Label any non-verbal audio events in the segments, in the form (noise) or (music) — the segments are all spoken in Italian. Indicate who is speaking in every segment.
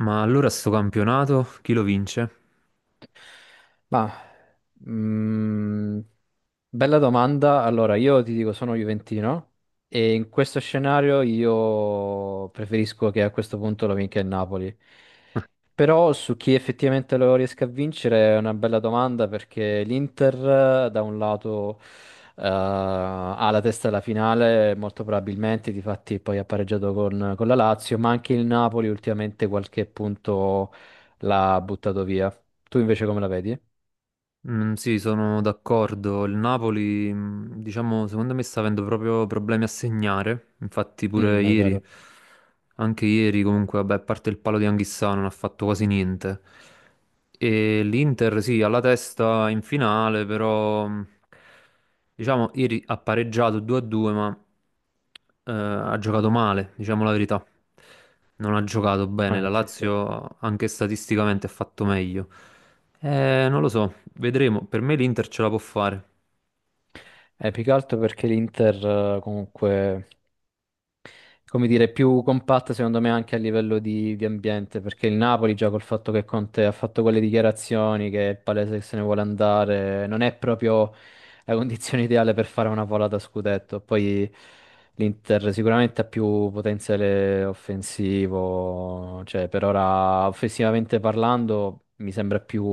Speaker 1: Ma allora sto campionato chi lo vince?
Speaker 2: Ma, mm, bella domanda. Allora, io ti dico, sono juventino e in questo scenario io preferisco che a questo punto lo vinca il Napoli. Però su chi effettivamente lo riesca a vincere è una bella domanda perché l'Inter da un lato ha la testa alla finale, molto probabilmente, difatti poi ha pareggiato con la Lazio, ma anche il Napoli ultimamente qualche punto l'ha buttato via. Tu invece come la vedi?
Speaker 1: Mm, sì, sono d'accordo. Il Napoli, diciamo, secondo me sta avendo proprio problemi a segnare. Infatti pure
Speaker 2: Mm, è
Speaker 1: ieri,
Speaker 2: vero.
Speaker 1: anche ieri comunque, vabbè, a parte il palo di Anghissà non ha fatto quasi niente. E l'Inter, sì, alla testa in finale, però diciamo ieri ha pareggiato 2-2, ma ha giocato male, diciamo la verità. Non ha giocato bene. La
Speaker 2: Sì, sì.
Speaker 1: Lazio anche statisticamente ha fatto meglio. Non lo so, vedremo. Per me l'Inter ce la può fare.
Speaker 2: Più che altro perché l'Inter comunque, come dire, è più compatta secondo me anche a livello di ambiente, perché il Napoli già col fatto che Conte ha fatto quelle dichiarazioni che è palese che se ne vuole andare, non è proprio la condizione (laughs) ideale per fare una volata a scudetto. Poi l'Inter sicuramente ha più potenziale offensivo, cioè per ora offensivamente parlando mi sembra più.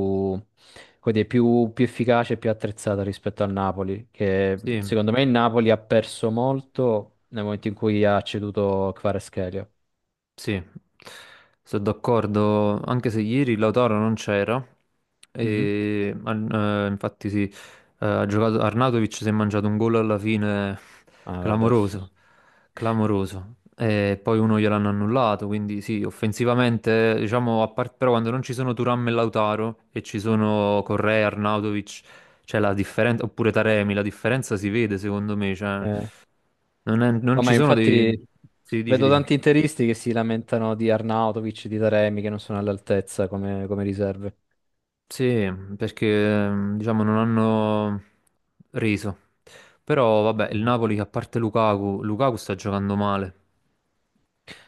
Speaker 2: Quindi è più efficace e più attrezzata rispetto al Napoli, che
Speaker 1: Sì,
Speaker 2: secondo me il Napoli ha perso molto nel momento in cui ha ceduto Kvaratskhelia.
Speaker 1: sì, sono d'accordo, anche se ieri Lautaro non c'era,
Speaker 2: Mhm.
Speaker 1: e, infatti sì, ha giocato, Arnautovic si è mangiato un gol alla fine
Speaker 2: Ah, vabbè.
Speaker 1: clamoroso, clamoroso, e poi uno gliel'hanno annullato, quindi sì, offensivamente, diciamo, però quando non ci sono Thuram e Lautaro e ci sono Correa, Arnautovic, cioè la differenza, oppure Taremi, la differenza si vede secondo me, cioè
Speaker 2: Eh.
Speaker 1: non
Speaker 2: No,
Speaker 1: ci
Speaker 2: ma
Speaker 1: sono dei.
Speaker 2: infatti
Speaker 1: Sì, dici,
Speaker 2: vedo
Speaker 1: dici.
Speaker 2: tanti interisti che si lamentano di Arnautovic, di Taremi, che non sono all'altezza come riserve.
Speaker 1: Sì, perché diciamo non hanno reso. Però vabbè, il
Speaker 2: Mhm.
Speaker 1: Napoli che a parte Lukaku, Lukaku sta giocando male.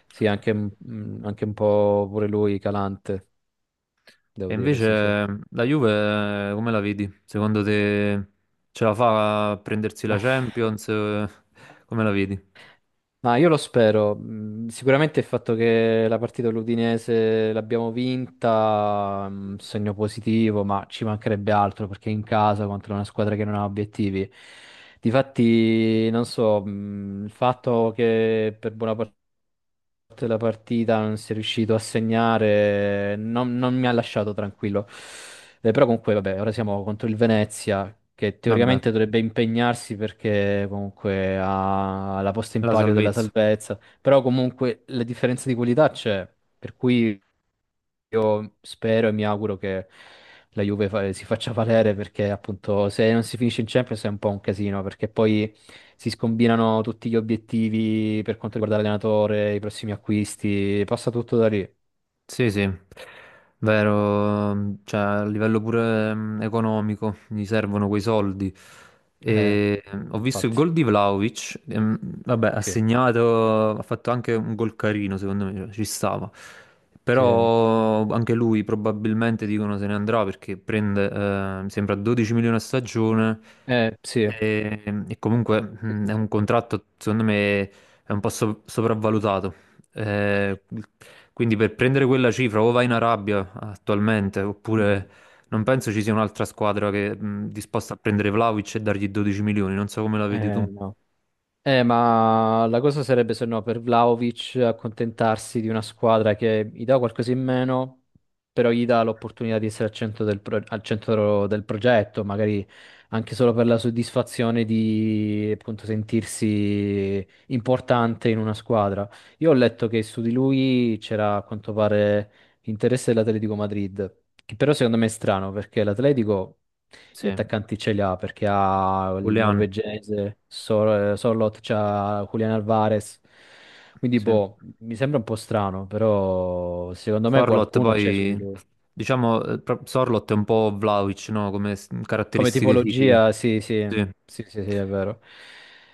Speaker 2: Sì, anche un po' pure lui calante,
Speaker 1: E
Speaker 2: devo dire, sì, sì.
Speaker 1: invece la Juve come la vedi? Secondo te ce la fa a prendersi la Champions? (laughs) Come la vedi?
Speaker 2: Ma io lo spero. Sicuramente il fatto che la partita dell'Udinese l'abbiamo vinta, segno positivo, ma ci mancherebbe altro perché in casa contro una squadra che non ha obiettivi. Difatti, non so, il fatto che per buona parte fatto la partita, non si è riuscito a segnare, non mi ha lasciato tranquillo. Però comunque, vabbè, ora siamo contro il Venezia, che
Speaker 1: Vabbè,
Speaker 2: teoricamente dovrebbe impegnarsi perché comunque ha la posta in
Speaker 1: la
Speaker 2: palio della
Speaker 1: salvezza.
Speaker 2: salvezza, però comunque la differenza di qualità c'è, per cui io spero e mi auguro che la Juve si faccia valere perché appunto se non si finisce in Champions è un po' un casino perché poi si scombinano tutti gli obiettivi per quanto riguarda l'allenatore, i prossimi acquisti, passa tutto da lì.
Speaker 1: Sì, sì, vero, cioè a livello pure economico gli servono quei soldi.
Speaker 2: Eh,
Speaker 1: E, ho visto il
Speaker 2: infatti,
Speaker 1: gol di Vlahovic, e, vabbè, ha
Speaker 2: sì,
Speaker 1: segnato, ha fatto anche un gol carino, secondo me, cioè, ci stava.
Speaker 2: sì.
Speaker 1: Però anche lui probabilmente dicono se ne andrà perché prende, mi sembra 12 milioni a stagione
Speaker 2: Sì,
Speaker 1: e comunque
Speaker 2: sì, sì,
Speaker 1: è
Speaker 2: sì.
Speaker 1: un contratto, secondo me, è un po' sopravvalutato eh, quindi per prendere quella cifra o vai in Arabia attualmente, oppure
Speaker 2: Mm.
Speaker 1: non penso ci sia un'altra squadra che disposta a prendere Vlahovic e dargli 12 milioni, non so come la vedi tu.
Speaker 2: No. Ma la cosa sarebbe se no per Vlaovic accontentarsi di una squadra che gli dà qualcosa in meno, però gli dà l'opportunità di essere al centro del progetto, magari anche solo per la soddisfazione di appunto sentirsi importante in una squadra. Io ho letto che su di lui c'era a quanto pare l'interesse dell'Atletico Madrid, che però secondo me è strano perché l'Atletico. Gli
Speaker 1: Sì,
Speaker 2: attaccanti ce li ha perché ha il
Speaker 1: Julian,
Speaker 2: norvegese, Sorloth, c'ha Julian Alvarez. Quindi,
Speaker 1: sì.
Speaker 2: boh, mi sembra un po' strano, però secondo me
Speaker 1: Sorloth
Speaker 2: qualcuno c'è su di
Speaker 1: poi,
Speaker 2: lui.
Speaker 1: diciamo, Sorloth è un po' Vlahovic, no? Come
Speaker 2: Come
Speaker 1: caratteristiche fisiche.
Speaker 2: tipologia, sì, sì,
Speaker 1: Sì.
Speaker 2: sì, sì, sì, è vero.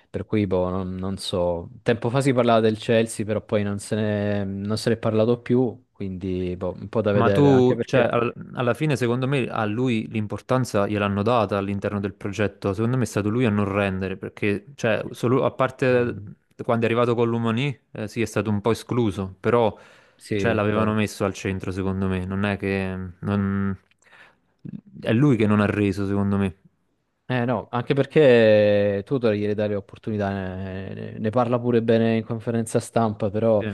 Speaker 2: Per cui, boh, non so. Tempo fa si parlava del Chelsea, però poi non se ne è parlato più, quindi, boh, un po' da
Speaker 1: Ma
Speaker 2: vedere, anche
Speaker 1: tu, cioè,
Speaker 2: perché.
Speaker 1: alla fine, secondo me, a lui l'importanza gliel'hanno data all'interno del progetto. Secondo me è stato lui a non rendere, perché, cioè, solo, a parte
Speaker 2: Eh,
Speaker 1: quando è arrivato con l'Umani, sì, è stato un po' escluso, però,
Speaker 2: sì,
Speaker 1: cioè,
Speaker 2: è
Speaker 1: l'avevano
Speaker 2: vero.
Speaker 1: messo al centro, secondo me. Non è che. È lui che non ha reso, secondo me.
Speaker 2: Eh no, anche perché tu devi dare opportunità, ne parla pure bene in conferenza stampa,
Speaker 1: Sì,
Speaker 2: però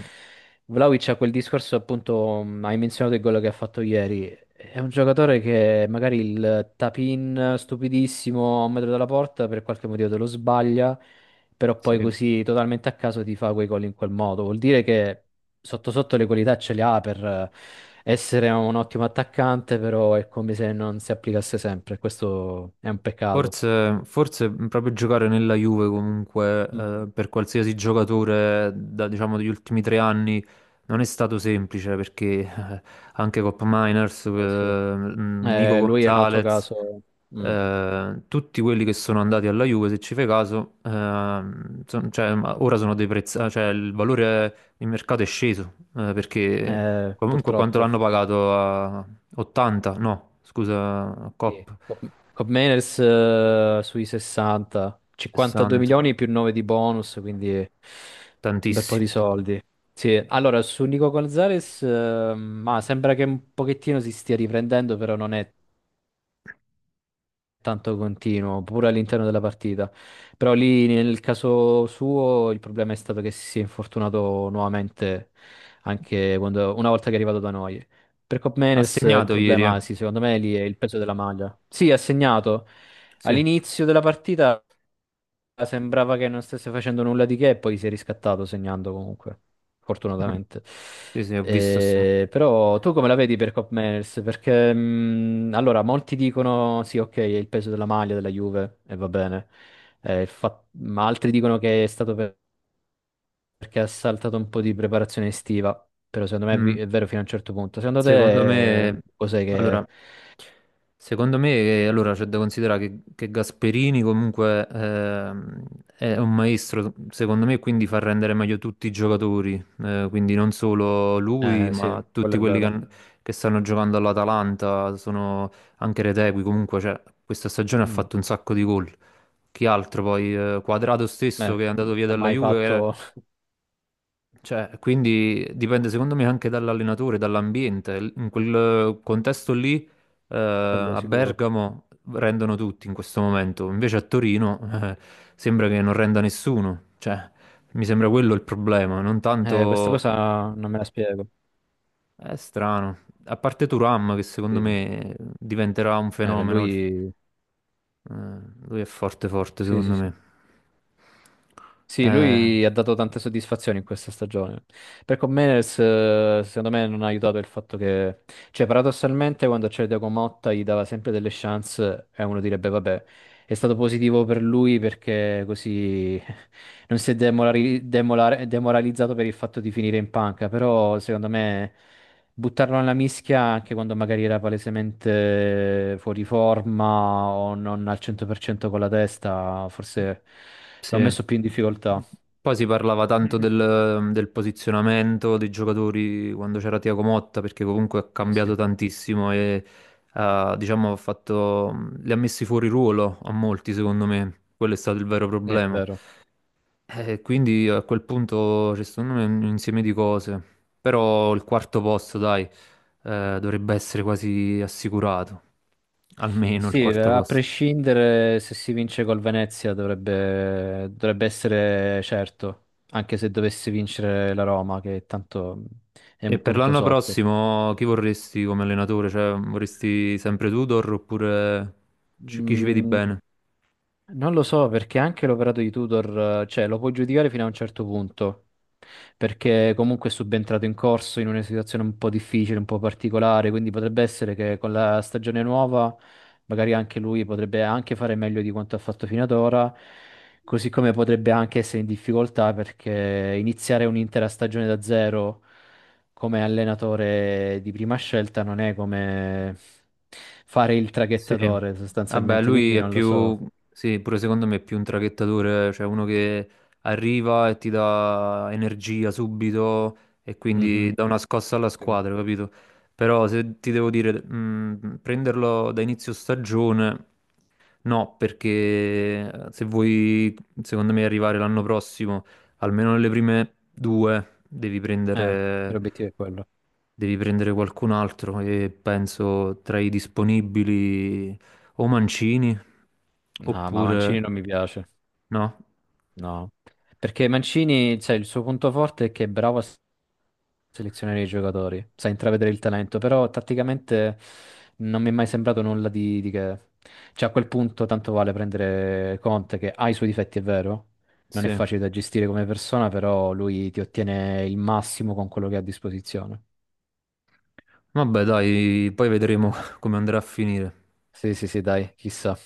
Speaker 2: Vlaovic ha quel discorso appunto, hai menzionato il gol che ha fatto ieri, è un giocatore che magari il tap-in stupidissimo a un metro dalla porta per qualche motivo te lo sbaglia, però poi
Speaker 1: sì.
Speaker 2: così totalmente a caso ti fa quei gol in quel modo, vuol dire che sotto sotto le qualità ce le ha per essere un ottimo attaccante, però è come se non si applicasse sempre. Questo è un peccato.
Speaker 1: Forse, forse proprio giocare nella Juve comunque
Speaker 2: Mm.
Speaker 1: per qualsiasi giocatore da, diciamo, degli ultimi tre anni non è stato semplice perché anche Cop Miners,
Speaker 2: Sì.
Speaker 1: Nico
Speaker 2: Lui è un altro
Speaker 1: Gonzalez,
Speaker 2: caso. Mm.
Speaker 1: tutti quelli che sono andati alla Juve, se ci fai caso, cioè, ma ora sono dei prezzi, cioè il valore di mercato è sceso perché comunque quanto
Speaker 2: Purtroppo.
Speaker 1: l'hanno pagato a 80, no, scusa,
Speaker 2: Sì.
Speaker 1: Cop.
Speaker 2: Cobb Meners, sui 60, 52
Speaker 1: 60.
Speaker 2: milioni più 9 di bonus, quindi un bel po' di
Speaker 1: Tantissimo.
Speaker 2: soldi. Sì, allora su Nico Gonzalez, ma sembra che un pochettino si stia riprendendo, però non è tanto continuo, pure all'interno della partita. Però lì nel caso suo il problema è stato che si è infortunato nuovamente anche una volta che è arrivato da noi. Per Cop
Speaker 1: Ha
Speaker 2: Meners il
Speaker 1: segnato ieri, eh.
Speaker 2: problema, sì, secondo me lì è il peso della maglia. Sì, ha segnato
Speaker 1: Sì.
Speaker 2: all'inizio della partita. Sembrava che non stesse facendo nulla di che e poi si è riscattato segnando comunque,
Speaker 1: Mm.
Speaker 2: fortunatamente.
Speaker 1: Sì, sì, ho visto.
Speaker 2: Però tu come la vedi per Cop Manners? Perché allora molti dicono sì, ok, è il peso della maglia della Juve e va bene. Ma altri dicono che è stato perché ha saltato un po' di preparazione estiva. Però secondo me è
Speaker 1: Mm.
Speaker 2: vi- è vero fino a un certo punto. Secondo
Speaker 1: Secondo
Speaker 2: te
Speaker 1: me,
Speaker 2: cos'è
Speaker 1: allora,
Speaker 2: che.
Speaker 1: secondo me, allora, c'è da considerare che Gasperini comunque è un maestro, secondo me, quindi fa rendere meglio tutti i giocatori, quindi non solo lui,
Speaker 2: Eh sì,
Speaker 1: ma tutti
Speaker 2: quello è
Speaker 1: quelli che,
Speaker 2: vero.
Speaker 1: han- che stanno giocando all'Atalanta, sono anche Retegui, comunque, cioè, questa stagione ha
Speaker 2: Mm.
Speaker 1: fatto un sacco di gol. Chi altro poi? Quadrato stesso che è andato
Speaker 2: Non
Speaker 1: via
Speaker 2: ha
Speaker 1: dalla
Speaker 2: mai
Speaker 1: Juve,
Speaker 2: fatto (laughs)
Speaker 1: cioè, quindi dipende secondo me anche dall'allenatore, dall'ambiente. In quel contesto lì,
Speaker 2: quello
Speaker 1: a
Speaker 2: sicuro.
Speaker 1: Bergamo rendono tutti in questo momento, invece a Torino, eh, sembra che non renda nessuno. Cioè, mi sembra quello il problema, non
Speaker 2: Questa
Speaker 1: tanto.
Speaker 2: cosa non me la spiego.
Speaker 1: È strano. A parte Turam, che
Speaker 2: Sì.
Speaker 1: secondo me diventerà un
Speaker 2: Per
Speaker 1: fenomeno,
Speaker 2: lui,
Speaker 1: eh, lui è forte, forte,
Speaker 2: sì, sì,
Speaker 1: secondo
Speaker 2: sì.
Speaker 1: me.
Speaker 2: Sì,
Speaker 1: Eh,
Speaker 2: lui ha dato tante soddisfazioni in questa stagione. Per Comenes, secondo me, non ha aiutato il fatto che, cioè, paradossalmente, quando c'era Thiago Motta gli dava sempre delle chance e uno direbbe, vabbè, è stato positivo per lui perché così (laughs) non si è demoralizzato per il fatto di finire in panca. Però, secondo me, buttarlo nella mischia anche quando magari era palesemente fuori forma o non al 100% con la testa, forse l'ho
Speaker 1: Sì.
Speaker 2: messo più in difficoltà.
Speaker 1: Poi si parlava tanto del posizionamento dei giocatori quando c'era Thiago Motta, perché comunque ha
Speaker 2: Eh
Speaker 1: cambiato
Speaker 2: sì,
Speaker 1: tantissimo e ha, diciamo, ha fatto, li ha messi fuori ruolo a molti, secondo me. Quello è stato il vero
Speaker 2: è
Speaker 1: problema.
Speaker 2: vero.
Speaker 1: E quindi a quel punto c'è secondo me un insieme di cose. Però il quarto posto, dai, dovrebbe essere quasi assicurato. Almeno il
Speaker 2: Sì,
Speaker 1: quarto
Speaker 2: a
Speaker 1: posto.
Speaker 2: prescindere se si vince col Venezia dovrebbe essere certo, anche se dovesse vincere la Roma, che tanto è
Speaker 1: E
Speaker 2: un
Speaker 1: per
Speaker 2: punto
Speaker 1: l'anno
Speaker 2: sotto.
Speaker 1: prossimo chi vorresti come allenatore? Cioè, vorresti sempre Tudor oppure chi ci vedi
Speaker 2: Mm,
Speaker 1: bene?
Speaker 2: Non lo so perché anche l'operato di Tudor, cioè, lo puoi giudicare fino a un certo punto, perché comunque è subentrato in corso in una situazione un po' difficile, un po' particolare, quindi potrebbe essere che con la stagione nuova magari anche lui potrebbe anche fare meglio di quanto ha fatto fino ad ora, così come potrebbe anche essere in difficoltà perché iniziare un'intera stagione da zero come allenatore di prima scelta non è come fare il
Speaker 1: Sì,
Speaker 2: traghettatore
Speaker 1: vabbè,
Speaker 2: sostanzialmente,
Speaker 1: lui
Speaker 2: quindi
Speaker 1: è
Speaker 2: non lo
Speaker 1: più,
Speaker 2: so.
Speaker 1: sì, pure secondo me è più un traghettatore, cioè uno che arriva e ti dà energia subito e quindi
Speaker 2: Mhm,
Speaker 1: dà una scossa alla
Speaker 2: sì.
Speaker 1: squadra, capito? Però se ti devo dire, prenderlo da inizio stagione, no, perché se vuoi, secondo me, arrivare l'anno prossimo, almeno nelle prime due, devi
Speaker 2: Eh,
Speaker 1: prendere
Speaker 2: L'obiettivo è quello.
Speaker 1: Qualcun altro e penso tra i disponibili o Mancini
Speaker 2: No, ma Mancini
Speaker 1: oppure
Speaker 2: non mi piace.
Speaker 1: no.
Speaker 2: No. Perché Mancini, cioè, il suo punto forte è che è bravo a selezionare i giocatori, sa intravedere il talento, però tatticamente non mi è mai sembrato nulla di che. Cioè, a quel punto tanto vale prendere Conte, che ha i suoi difetti, è vero, non è
Speaker 1: Sì.
Speaker 2: facile da gestire come persona, però lui ti ottiene il massimo con quello che ha a disposizione.
Speaker 1: Vabbè, dai, poi vedremo (laughs) come andrà a finire.
Speaker 2: Sì, sì, sì, dai, chissà.